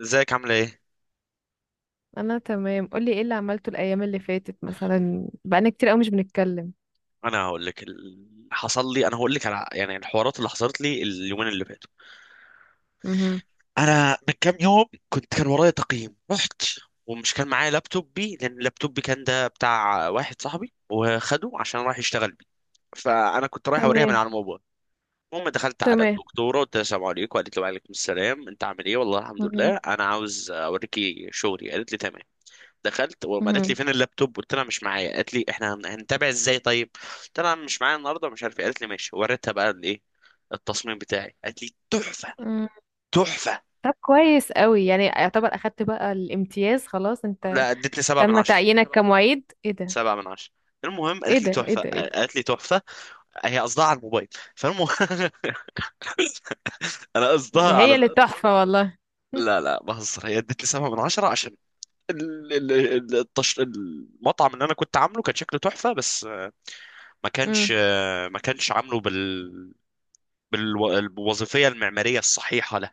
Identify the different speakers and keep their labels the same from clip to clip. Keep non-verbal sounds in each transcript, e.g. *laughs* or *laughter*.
Speaker 1: ازيك عامله ايه؟
Speaker 2: انا تمام. قولي ايه اللي عملته الايام اللي فاتت؟ مثلا بقالنا كتير قوي مش بنتكلم.
Speaker 1: انا هقول لك اللي حصل لي. انا هقول لك على يعني الحوارات اللي حصلت لي اليومين اللي فاتوا.
Speaker 2: مهم.
Speaker 1: انا من كام يوم كان ورايا تقييم. رحت ومش كان معايا لابتوبي لان لابتوبي كان ده بتاع واحد صاحبي وخده عشان راح يشتغل بيه. فانا كنت رايح اوريها من
Speaker 2: تمام.
Speaker 1: على الموبايل. المهم دخلت على
Speaker 2: تمام.
Speaker 1: الدكتوره، قلت لها السلام عليكم، قالت لي وعليكم السلام، انت عامل ايه، والله الحمد لله.
Speaker 2: مهم.
Speaker 1: انا عاوز اوريكي شغلي. قالت لي تمام. دخلت وما قالت
Speaker 2: مهم.
Speaker 1: لي فين اللابتوب. قلت لها مش معايا. قالت لي احنا هنتابع ازاي؟ طيب، قلت لها مش معايا النهارده ومش عارف ايه. قالت لي ماشي. وريتها بقى الايه، التصميم بتاعي. قالت لي تحفه
Speaker 2: مم.
Speaker 1: تحفه.
Speaker 2: طب كويس قوي، يعني يعتبر اخدت بقى الامتياز خلاص انت؟
Speaker 1: لا، ادتني سبعة من
Speaker 2: تم
Speaker 1: عشرة.
Speaker 2: تعيينك كمعيد؟ ايه ده؟
Speaker 1: سبعة من عشرة. المهم
Speaker 2: ايه
Speaker 1: قالت لي
Speaker 2: ده ايه
Speaker 1: تحفه
Speaker 2: ده ايه ده!
Speaker 1: قالت لي تحفه. هي قصدها على الموبايل. فالمهم *laughs* انا
Speaker 2: ده
Speaker 1: قصدها
Speaker 2: هي
Speaker 1: على
Speaker 2: اللي تحفة والله. *laughs*
Speaker 1: لا لا بهزر. هي ادتني سبعة من عشرة عشان المطعم اللي انا كنت عامله كان شكله تحفه، بس ما كانش
Speaker 2: مم.
Speaker 1: آه، ما كانش عامله بالمظبوط، بالوظيفيه المعماريه الصحيحه له.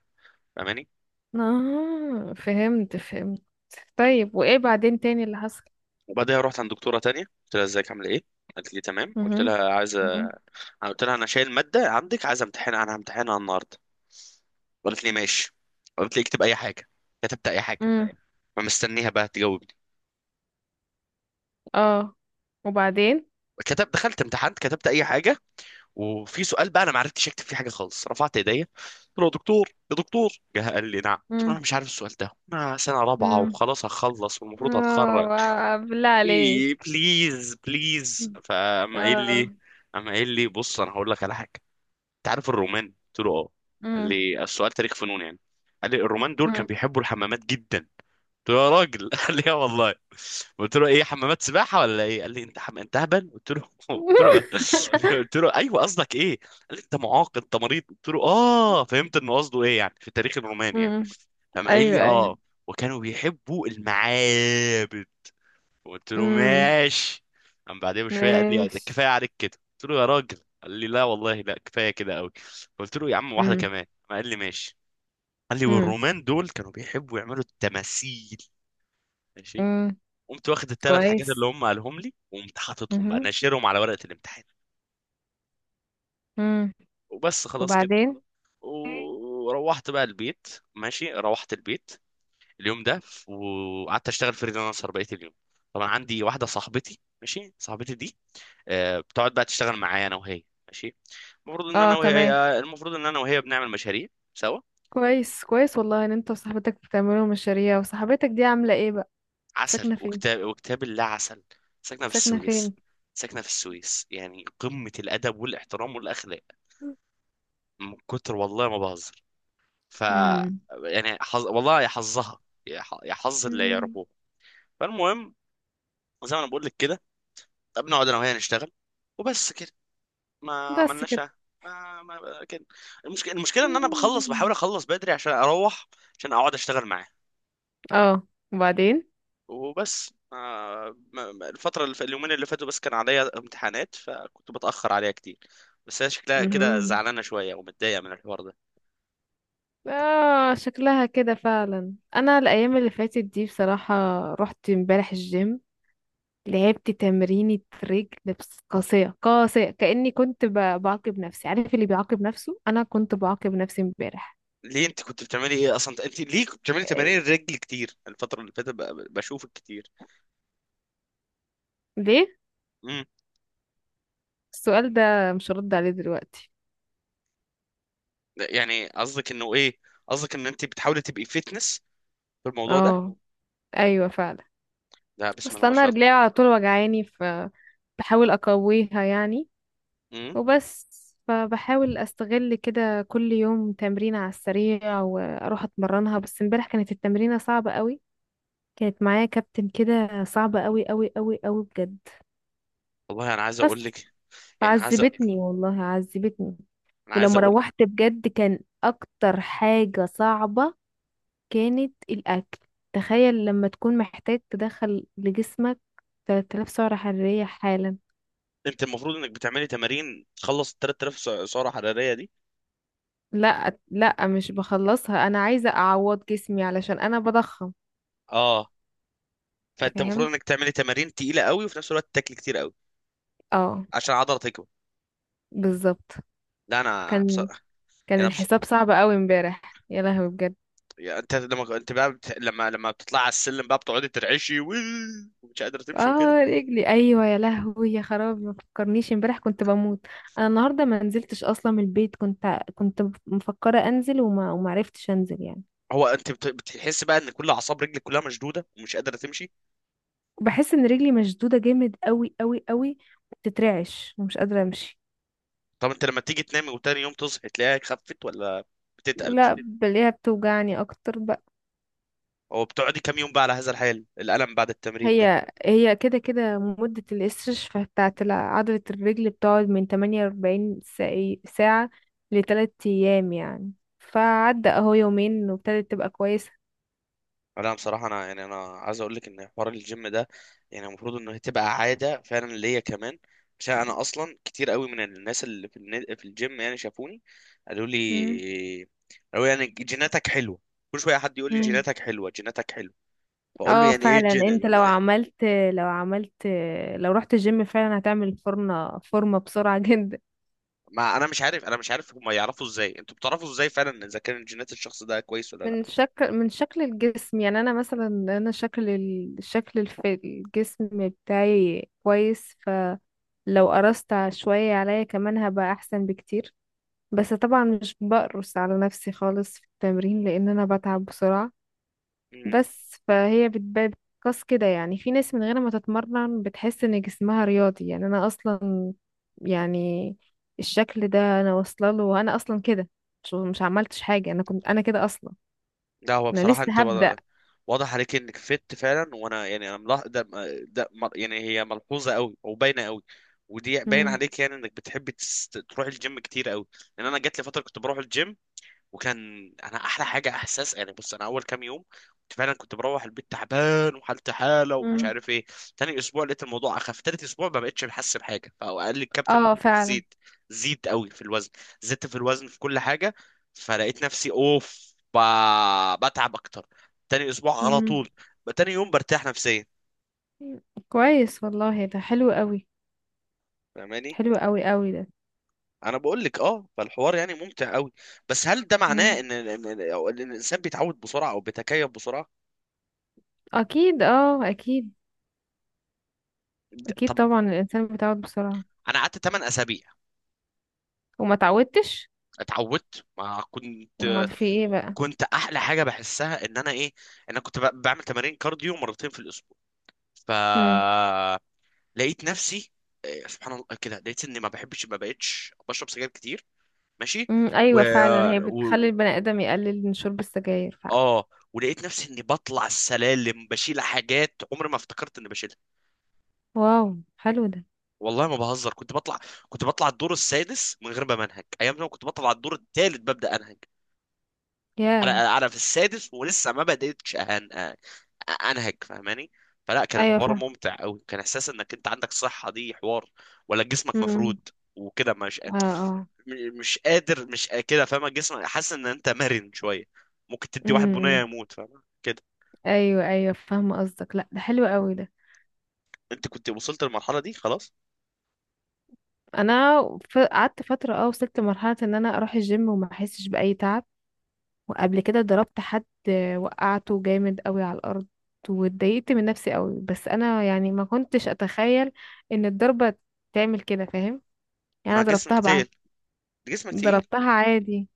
Speaker 1: فاهماني؟
Speaker 2: اه فهمت فهمت. طيب وايه بعدين تاني اللي حصل؟
Speaker 1: وبعدها رحت عند دكتوره تانية، قلت لها ازيك عامله ايه. قالت لي تمام.
Speaker 2: مهم. مهم.
Speaker 1: قلت لها انا شايل ماده عندك، عايزه امتحنها. انا همتحنها النهارده. قالت لي ماشي. قالت لي اكتب اي حاجه. كتبت اي حاجه.
Speaker 2: امم.
Speaker 1: فمستنيها بقى تجاوبني.
Speaker 2: اه. وبعدين؟
Speaker 1: دخلت امتحنت كتبت اي حاجه. وفي سؤال بقى انا ما عرفتش اكتب فيه حاجه خالص. رفعت ايديا قلت له يا دكتور يا دكتور. جه قال لي نعم. قلت له انا مش عارف السؤال ده، انا سنه رابعه
Speaker 2: مم.
Speaker 1: وخلاص هخلص والمفروض
Speaker 2: اه،
Speaker 1: هتخرج،
Speaker 2: واو، بالله عليك.
Speaker 1: ايه، بليز بليز. فقام قايل
Speaker 2: اه.
Speaker 1: لي قام قايل لي بص انا هقول لك على حاجه. انت عارف الرومان؟ قلت له اه. قال
Speaker 2: امم.
Speaker 1: لي السؤال تاريخ فنون يعني. قال لي الرومان دول كانوا
Speaker 2: امم.
Speaker 1: بيحبوا الحمامات جدا. قلت له يا راجل *laughs* قال لي اه والله. قلت له ايه، حمامات سباحه ولا ايه. قال لي انت انت هبل. قلت له *laughs* قلت له
Speaker 2: *laughs*
Speaker 1: *laughs* قلت له ايوه، قصدك ايه. قال لي انت معاق انت مريض. قلت له اه، فهمت انه قصده ايه، يعني في التاريخ الروماني يعني.
Speaker 2: امم.
Speaker 1: قام قايل
Speaker 2: ايوه
Speaker 1: لي
Speaker 2: ايوه.
Speaker 1: اه، وكانوا بيحبوا المعابد. قلت له
Speaker 2: امم.
Speaker 1: ماشي. قام بعدها بشويه قال لي ده
Speaker 2: ماشي.
Speaker 1: كفايه عليك كده. قلت له يا راجل. قال لي لا والله، لا كفايه كده قوي. قلت له يا عم، واحده
Speaker 2: امم.
Speaker 1: كمان. قال لي ماشي. قال لي
Speaker 2: امم.
Speaker 1: والرومان دول كانوا بيحبوا يعملوا التماثيل. ماشي.
Speaker 2: امم.
Speaker 1: قمت واخد الثلاث حاجات اللي
Speaker 2: كويس.
Speaker 1: هم قالهم لي وقمت حاططهم بقى
Speaker 2: امم.
Speaker 1: ناشرهم على ورقه الامتحان.
Speaker 2: امم.
Speaker 1: وبس، خلاص كده.
Speaker 2: وبعدين؟
Speaker 1: وروحت بقى البيت. ماشي، روحت البيت اليوم ده. وقعدت اشتغل فريلانسر بقيه اليوم. طبعا عندي واحده صاحبتي، ماشي. صاحبتي دي بتقعد بقى تشتغل معايا انا وهي، ماشي. المفروض ان
Speaker 2: اه
Speaker 1: انا وهي
Speaker 2: تمام.
Speaker 1: آه، المفروض ان انا وهي بنعمل مشاريع سوا.
Speaker 2: كويس كويس والله، ان انت وصاحبتك بتعملوا مشاريع. وصاحبتك دي عامله ايه بقى؟
Speaker 1: عسل
Speaker 2: ساكنه فين؟
Speaker 1: وكتاب وكتاب الله عسل. ساكنه في
Speaker 2: ساكنه
Speaker 1: السويس.
Speaker 2: فين؟
Speaker 1: ساكنه في السويس، يعني قمه الادب والاحترام والاخلاق. من كتر، والله ما بهزر. ف،
Speaker 2: امم.
Speaker 1: يعني والله يا حظها، يا حظ اللي
Speaker 2: امم.
Speaker 1: يعرفوه. فالمهم، زي ما انا بقول لك كده، بنقعد انا وهي نشتغل. وبس كده. ما
Speaker 2: بس
Speaker 1: عملناش.
Speaker 2: كده؟
Speaker 1: ما ما كده. المشكله المشكله ان انا بحاول
Speaker 2: مم.
Speaker 1: اخلص بدري عشان اروح عشان اقعد اشتغل معاه.
Speaker 2: اه. وبعدين؟
Speaker 1: وبس اليومين اللي فاتوا بس كان عليا امتحانات فكنت بتاخر عليها كتير. بس هي شكلها كده
Speaker 2: مهم.
Speaker 1: زعلانه شويه ومتضايقه من الحوار ده.
Speaker 2: اه، شكلها كده فعلا. انا الايام اللي فاتت دي بصراحة، رحت امبارح الجيم، لعبت تمرينة رجل، بس قاسية قاسية، كأني بعاقب نفسي. عارف اللي بيعاقب نفسه؟ انا كنت بعاقب نفسي امبارح.
Speaker 1: ليه انت كنت بتعملي ايه اصلا؟ انت ليه كنت بتعملي تمارين
Speaker 2: آه،
Speaker 1: الرجل كتير الفتره اللي فاتت؟ بشوفك كتير.
Speaker 2: ليه؟
Speaker 1: امم.
Speaker 2: السؤال ده مش هرد عليه دلوقتي.
Speaker 1: يعني قصدك انه ايه؟ قصدك ان انت بتحاولي تبقي فيتنس في الموضوع ده؟
Speaker 2: اه ايوه فعلا.
Speaker 1: لا بسم الله
Speaker 2: اصل
Speaker 1: ما
Speaker 2: انا
Speaker 1: شاء الله.
Speaker 2: رجلي على طول وجعاني، فبحاول اقويها يعني.
Speaker 1: امم.
Speaker 2: وبس. فبحاول استغل كده كل يوم تمرين على السريع واروح اتمرنها، بس امبارح كانت التمرينة صعبة قوي. كانت معايا كابتن كده صعبة قوي قوي قوي قوي بجد.
Speaker 1: والله انا عايز اقول
Speaker 2: بس
Speaker 1: لك. يعني عايز أ-
Speaker 2: عذبتني والله، عذبتني.
Speaker 1: انا عايز
Speaker 2: ولما
Speaker 1: اقول.
Speaker 2: روحت بجد، كان اكتر حاجة صعبة كانت الاكل. تخيل لما تكون محتاج تدخل لجسمك 3000 سعرة حرارية حالا.
Speaker 1: انت المفروض انك بتعملي تمارين تخلص ال 3000 سعره حراريه دي؟
Speaker 2: لا لا، مش بخلصها، انا عايزة اعوض جسمي علشان انا بضخم.
Speaker 1: اه. فانت المفروض
Speaker 2: فهمت.
Speaker 1: انك تعملي تمارين تقيله قوي وفي نفس الوقت تاكلي كتير قوي
Speaker 2: اه
Speaker 1: عشان العضله تكبر.
Speaker 2: بالظبط.
Speaker 1: لا انا
Speaker 2: كان
Speaker 1: بصراحه، يعني
Speaker 2: الحساب صعب قوي امبارح، يا لهوي بجد.
Speaker 1: يعني انت لما انت بقى بت... لما لما بتطلع على السلم بقى، بتقعدي ترعشي ومش قادره تمشي وكده.
Speaker 2: اه، رجلي ايوه يا لهوي، يا خرابي، ما فكرنيش امبارح، كنت بموت. انا النهارده ما نزلتش اصلا من البيت، كنت مفكره انزل وما عرفتش انزل يعني.
Speaker 1: هو انت بتحس بقى ان كل اعصاب رجلك كلها مشدوده ومش قادره تمشي؟
Speaker 2: بحس ان رجلي مشدوده جامد قوي قوي قوي، بتترعش ومش قادره امشي.
Speaker 1: طب انت لما تيجي تنامي وتاني يوم تصحي تلاقيها خفت ولا بتتقل؟
Speaker 2: لا، بلاقيها بتوجعني اكتر بقى.
Speaker 1: هو بتقعدي كام يوم بقى على هذا الحال الالم بعد التمرين ده؟
Speaker 2: هي كده كده، مدة الاستشفاء بتاعت عضلة الرجل بتقعد من 48 ساعة لتلات أيام يعني. فعدى أهو يومين وابتدت تبقى كويسة.
Speaker 1: لا بصراحة، أنا يعني أنا عايز أقول لك إن حوار الجيم ده يعني المفروض إنه تبقى عادة فعلا ليا كمان. عشان أنا أصلا كتير قوي من الناس اللي في في الجيم يعني شافوني، قالوا لي
Speaker 2: مم.
Speaker 1: قالوا لي يعني جيناتك حلوة. كل شوية حد يقول لي
Speaker 2: مم.
Speaker 1: جيناتك حلوة جيناتك حلوة. بقول له
Speaker 2: اه
Speaker 1: يعني إيه
Speaker 2: فعلا.
Speaker 1: الجين؟
Speaker 2: انت لو عملت لو رحت الجيم فعلا، هتعمل فورمة فورمة بسرعة *laughs* جدا.
Speaker 1: ما أنا مش عارف هما يعرفوا إزاي، أنتوا بتعرفوا إزاي فعلا إذا كان جينات الشخص ده كويس ولا
Speaker 2: من شكل الجسم يعني. انا مثلا، انا شكل الشكل الجسم بتاعي كويس. لو قرصت شوية عليا كمان هبقى أحسن بكتير. بس طبعا مش بقرص على نفسي خالص في التمرين، لأن أنا بتعب بسرعة.
Speaker 1: لأ.
Speaker 2: بس فهي بتبان، بتقاس كده يعني. في ناس من غير ما تتمرن بتحس إن جسمها رياضي. يعني أنا أصلا، يعني الشكل ده أنا واصلة له، وأنا أصلا كده، مش عملتش حاجة، أنا كنت، أنا كده أصلا.
Speaker 1: لا هو
Speaker 2: أنا
Speaker 1: بصراحة
Speaker 2: لسه
Speaker 1: انت
Speaker 2: هبدأ.
Speaker 1: واضح عليك انك فت فعلا، وانا يعني انا ملاح... ده, ده م- يعني هي ملحوظة قوي او باينة قوي. ودي باين
Speaker 2: مم.
Speaker 1: عليك، يعني انك بتحب تروح الجيم كتير قوي. لان انا جات لي فترة كنت بروح الجيم، وكان انا احلى حاجه احساس. يعني بص، انا اول كام يوم كنت فعلا كنت بروح البيت تعبان وحالتي حاله ومش
Speaker 2: مم.
Speaker 1: عارف ايه. تاني اسبوع لقيت الموضوع اخف. تالت اسبوع ما بقتش بحس بحاجه. فقال لي الكابتن
Speaker 2: اه فعلا.
Speaker 1: زيد. زيد قوي في الوزن، زدت في الوزن في كل حاجه. فلقيت نفسي اوف بتعب اكتر. تاني اسبوع على
Speaker 2: مم.
Speaker 1: طول، تاني يوم برتاح نفسيا.
Speaker 2: كويس والله، ده حلو قوي.
Speaker 1: فاهماني؟
Speaker 2: حلو قوي قوي ده.
Speaker 1: انا بقول لك اه، فالحوار يعني ممتع قوي. بس هل ده معناه
Speaker 2: مم.
Speaker 1: ان إن الانسان بيتعود بسرعه او بيتكيف بسرعه؟
Speaker 2: اكيد اه اكيد. اكيد
Speaker 1: طب
Speaker 2: طبعا الانسان بيتعود بسرعه.
Speaker 1: انا قعدت 8 اسابيع.
Speaker 2: وما تعودتش؟
Speaker 1: اتعودت، ما
Speaker 2: امال
Speaker 1: كنت
Speaker 2: في ايه بقى؟
Speaker 1: كنت احلى حاجه بحسها ان انا ايه، ان انا كنت بعمل تمارين كارديو مرتين في الاسبوع.
Speaker 2: امم.
Speaker 1: فلقيت نفسي سبحان الله كده، لقيت اني ما بحبش، ما بقتش بشرب سجاير كتير. ماشي.
Speaker 2: امم.
Speaker 1: و...
Speaker 2: ايوه فعلا، هي بتخلي
Speaker 1: و...
Speaker 2: البني ادم يقلل من شرب السجاير فعلا.
Speaker 1: اه، ولقيت نفسي اني بطلع السلالم بشيل حاجات عمري ما افتكرت اني بشيلها.
Speaker 2: واو، حلو ده.
Speaker 1: والله ما بهزر، كنت بطلع الدور السادس من غير ما انهج. ايام زمان كنت بطلع الدور الثالث ببدا انهج.
Speaker 2: ياه.
Speaker 1: انا في السادس ولسه ما بديتش انهج. فاهماني؟ فلا، كان
Speaker 2: ايوه
Speaker 1: الحوار
Speaker 2: فاهم.
Speaker 1: ممتع قوي. كان احساس انك انت عندك صحة، دي حوار. ولا جسمك
Speaker 2: امم.
Speaker 1: مفرود وكده، مش
Speaker 2: اه. اه.
Speaker 1: مش قادر مش قا- كده. فاهمة؟ جسمك حاسس ان انت مرن شوية. ممكن تدي واحد بنية
Speaker 2: امم.
Speaker 1: يموت، فاهمة كده؟
Speaker 2: ايوه ايوه، فاهمه قصدك. لا ده حلو قوي ده.
Speaker 1: انت كنت وصلت للمرحلة دي خلاص.
Speaker 2: انا قعدت فتره، اه وصلت لمرحله ان انا اروح الجيم وما احسش باي تعب. وقبل كده ضربت حد، وقعته جامد قوي على الارض، واتضايقت من نفسي قوي. بس انا يعني ما كنتش اتخيل ان الضربة تعمل كده، فاهم؟ يعني
Speaker 1: مع
Speaker 2: انا
Speaker 1: جسمك
Speaker 2: ضربتها بقى،
Speaker 1: تقيل، جسمك تقيل.
Speaker 2: ضربتها عادي،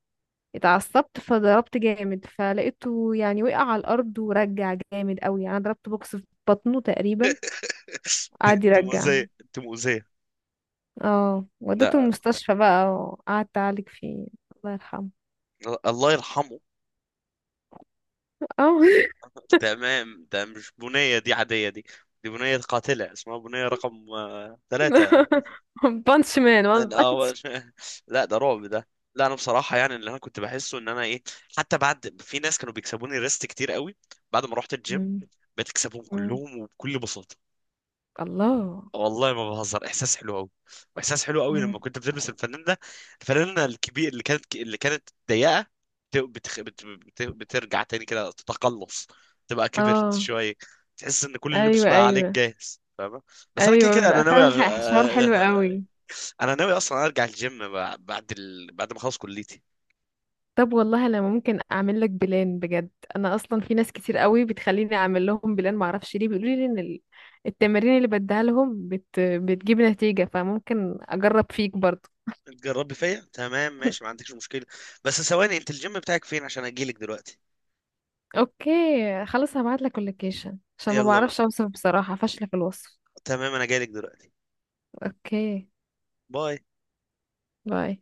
Speaker 2: اتعصبت فضربت جامد، فلقيته يعني وقع على الارض ورجع جامد قوي. يعني انا ضربت بوكس في بطنه تقريبا،
Speaker 1: *laughs*
Speaker 2: قعد
Speaker 1: انت
Speaker 2: يرجع.
Speaker 1: مؤذية انت مؤذية.
Speaker 2: اه، وديته
Speaker 1: لا،
Speaker 2: المستشفى بقى وقعدت اعالج فيه. الله يرحمه.
Speaker 1: الله يرحمه.
Speaker 2: اه.
Speaker 1: تمام ده مش بنية دي عادية دي، دي بنية قاتلة اسمها بنية رقم ثلاثة
Speaker 2: *laughs* بانش مان وان
Speaker 1: من أول.
Speaker 2: بانش.
Speaker 1: *laughs* لا، ده رعب ده. لا أنا بصراحة يعني اللي أنا كنت بحسه إن أنا إيه، حتى بعد، في ناس كانوا بيكسبوني ريست كتير قوي، بعد ما رحت الجيم بقيت أكسبهم
Speaker 2: *laughs*
Speaker 1: كلهم وبكل بساطة.
Speaker 2: الله.
Speaker 1: والله ما بهزر احساس حلو قوي. واحساس حلو قوي
Speaker 2: مم.
Speaker 1: لما كنت بتلبس الفنان ده الفنانه الكبير اللي كانت اللي كانت ضيقه، بترجع تاني كده تتقلص، تبقى كبرت
Speaker 2: اه.
Speaker 1: شويه. تحس ان كل اللبس
Speaker 2: ايوه
Speaker 1: بقى عليك
Speaker 2: ايوه.
Speaker 1: جاهز. فاهمه؟ بس انا كده كده
Speaker 2: ايوه
Speaker 1: انا
Speaker 2: بيبقى
Speaker 1: ناوي
Speaker 2: فعلا حوار
Speaker 1: أغ...
Speaker 2: حلو قوي.
Speaker 1: *laughs* انا ناوي اصلا ارجع الجيم بعد ما اخلص كليتي.
Speaker 2: طب والله انا ممكن اعمل لك بلان بجد. انا اصلا في ناس كتير قوي بتخليني اعمل لهم بلان، ما اعرفش ليه، بيقولوا لي ان التمارين اللي بديها لهم بتجيب نتيجة. فممكن اجرب فيك برضو.
Speaker 1: تجربي فيا تمام ماشي، ما
Speaker 2: *laughs*
Speaker 1: عندكش مشكله. بس ثواني، انت الجيم بتاعك فين عشان اجيلك دلوقتي؟
Speaker 2: اوكي خلاص، هبعت لك اللوكيشن عشان ما
Speaker 1: يلا بقى.
Speaker 2: بعرفش اوصف، بصراحة فاشلة في الوصف.
Speaker 1: تمام انا جايلك دلوقتي.
Speaker 2: اوكي
Speaker 1: باي.
Speaker 2: باي.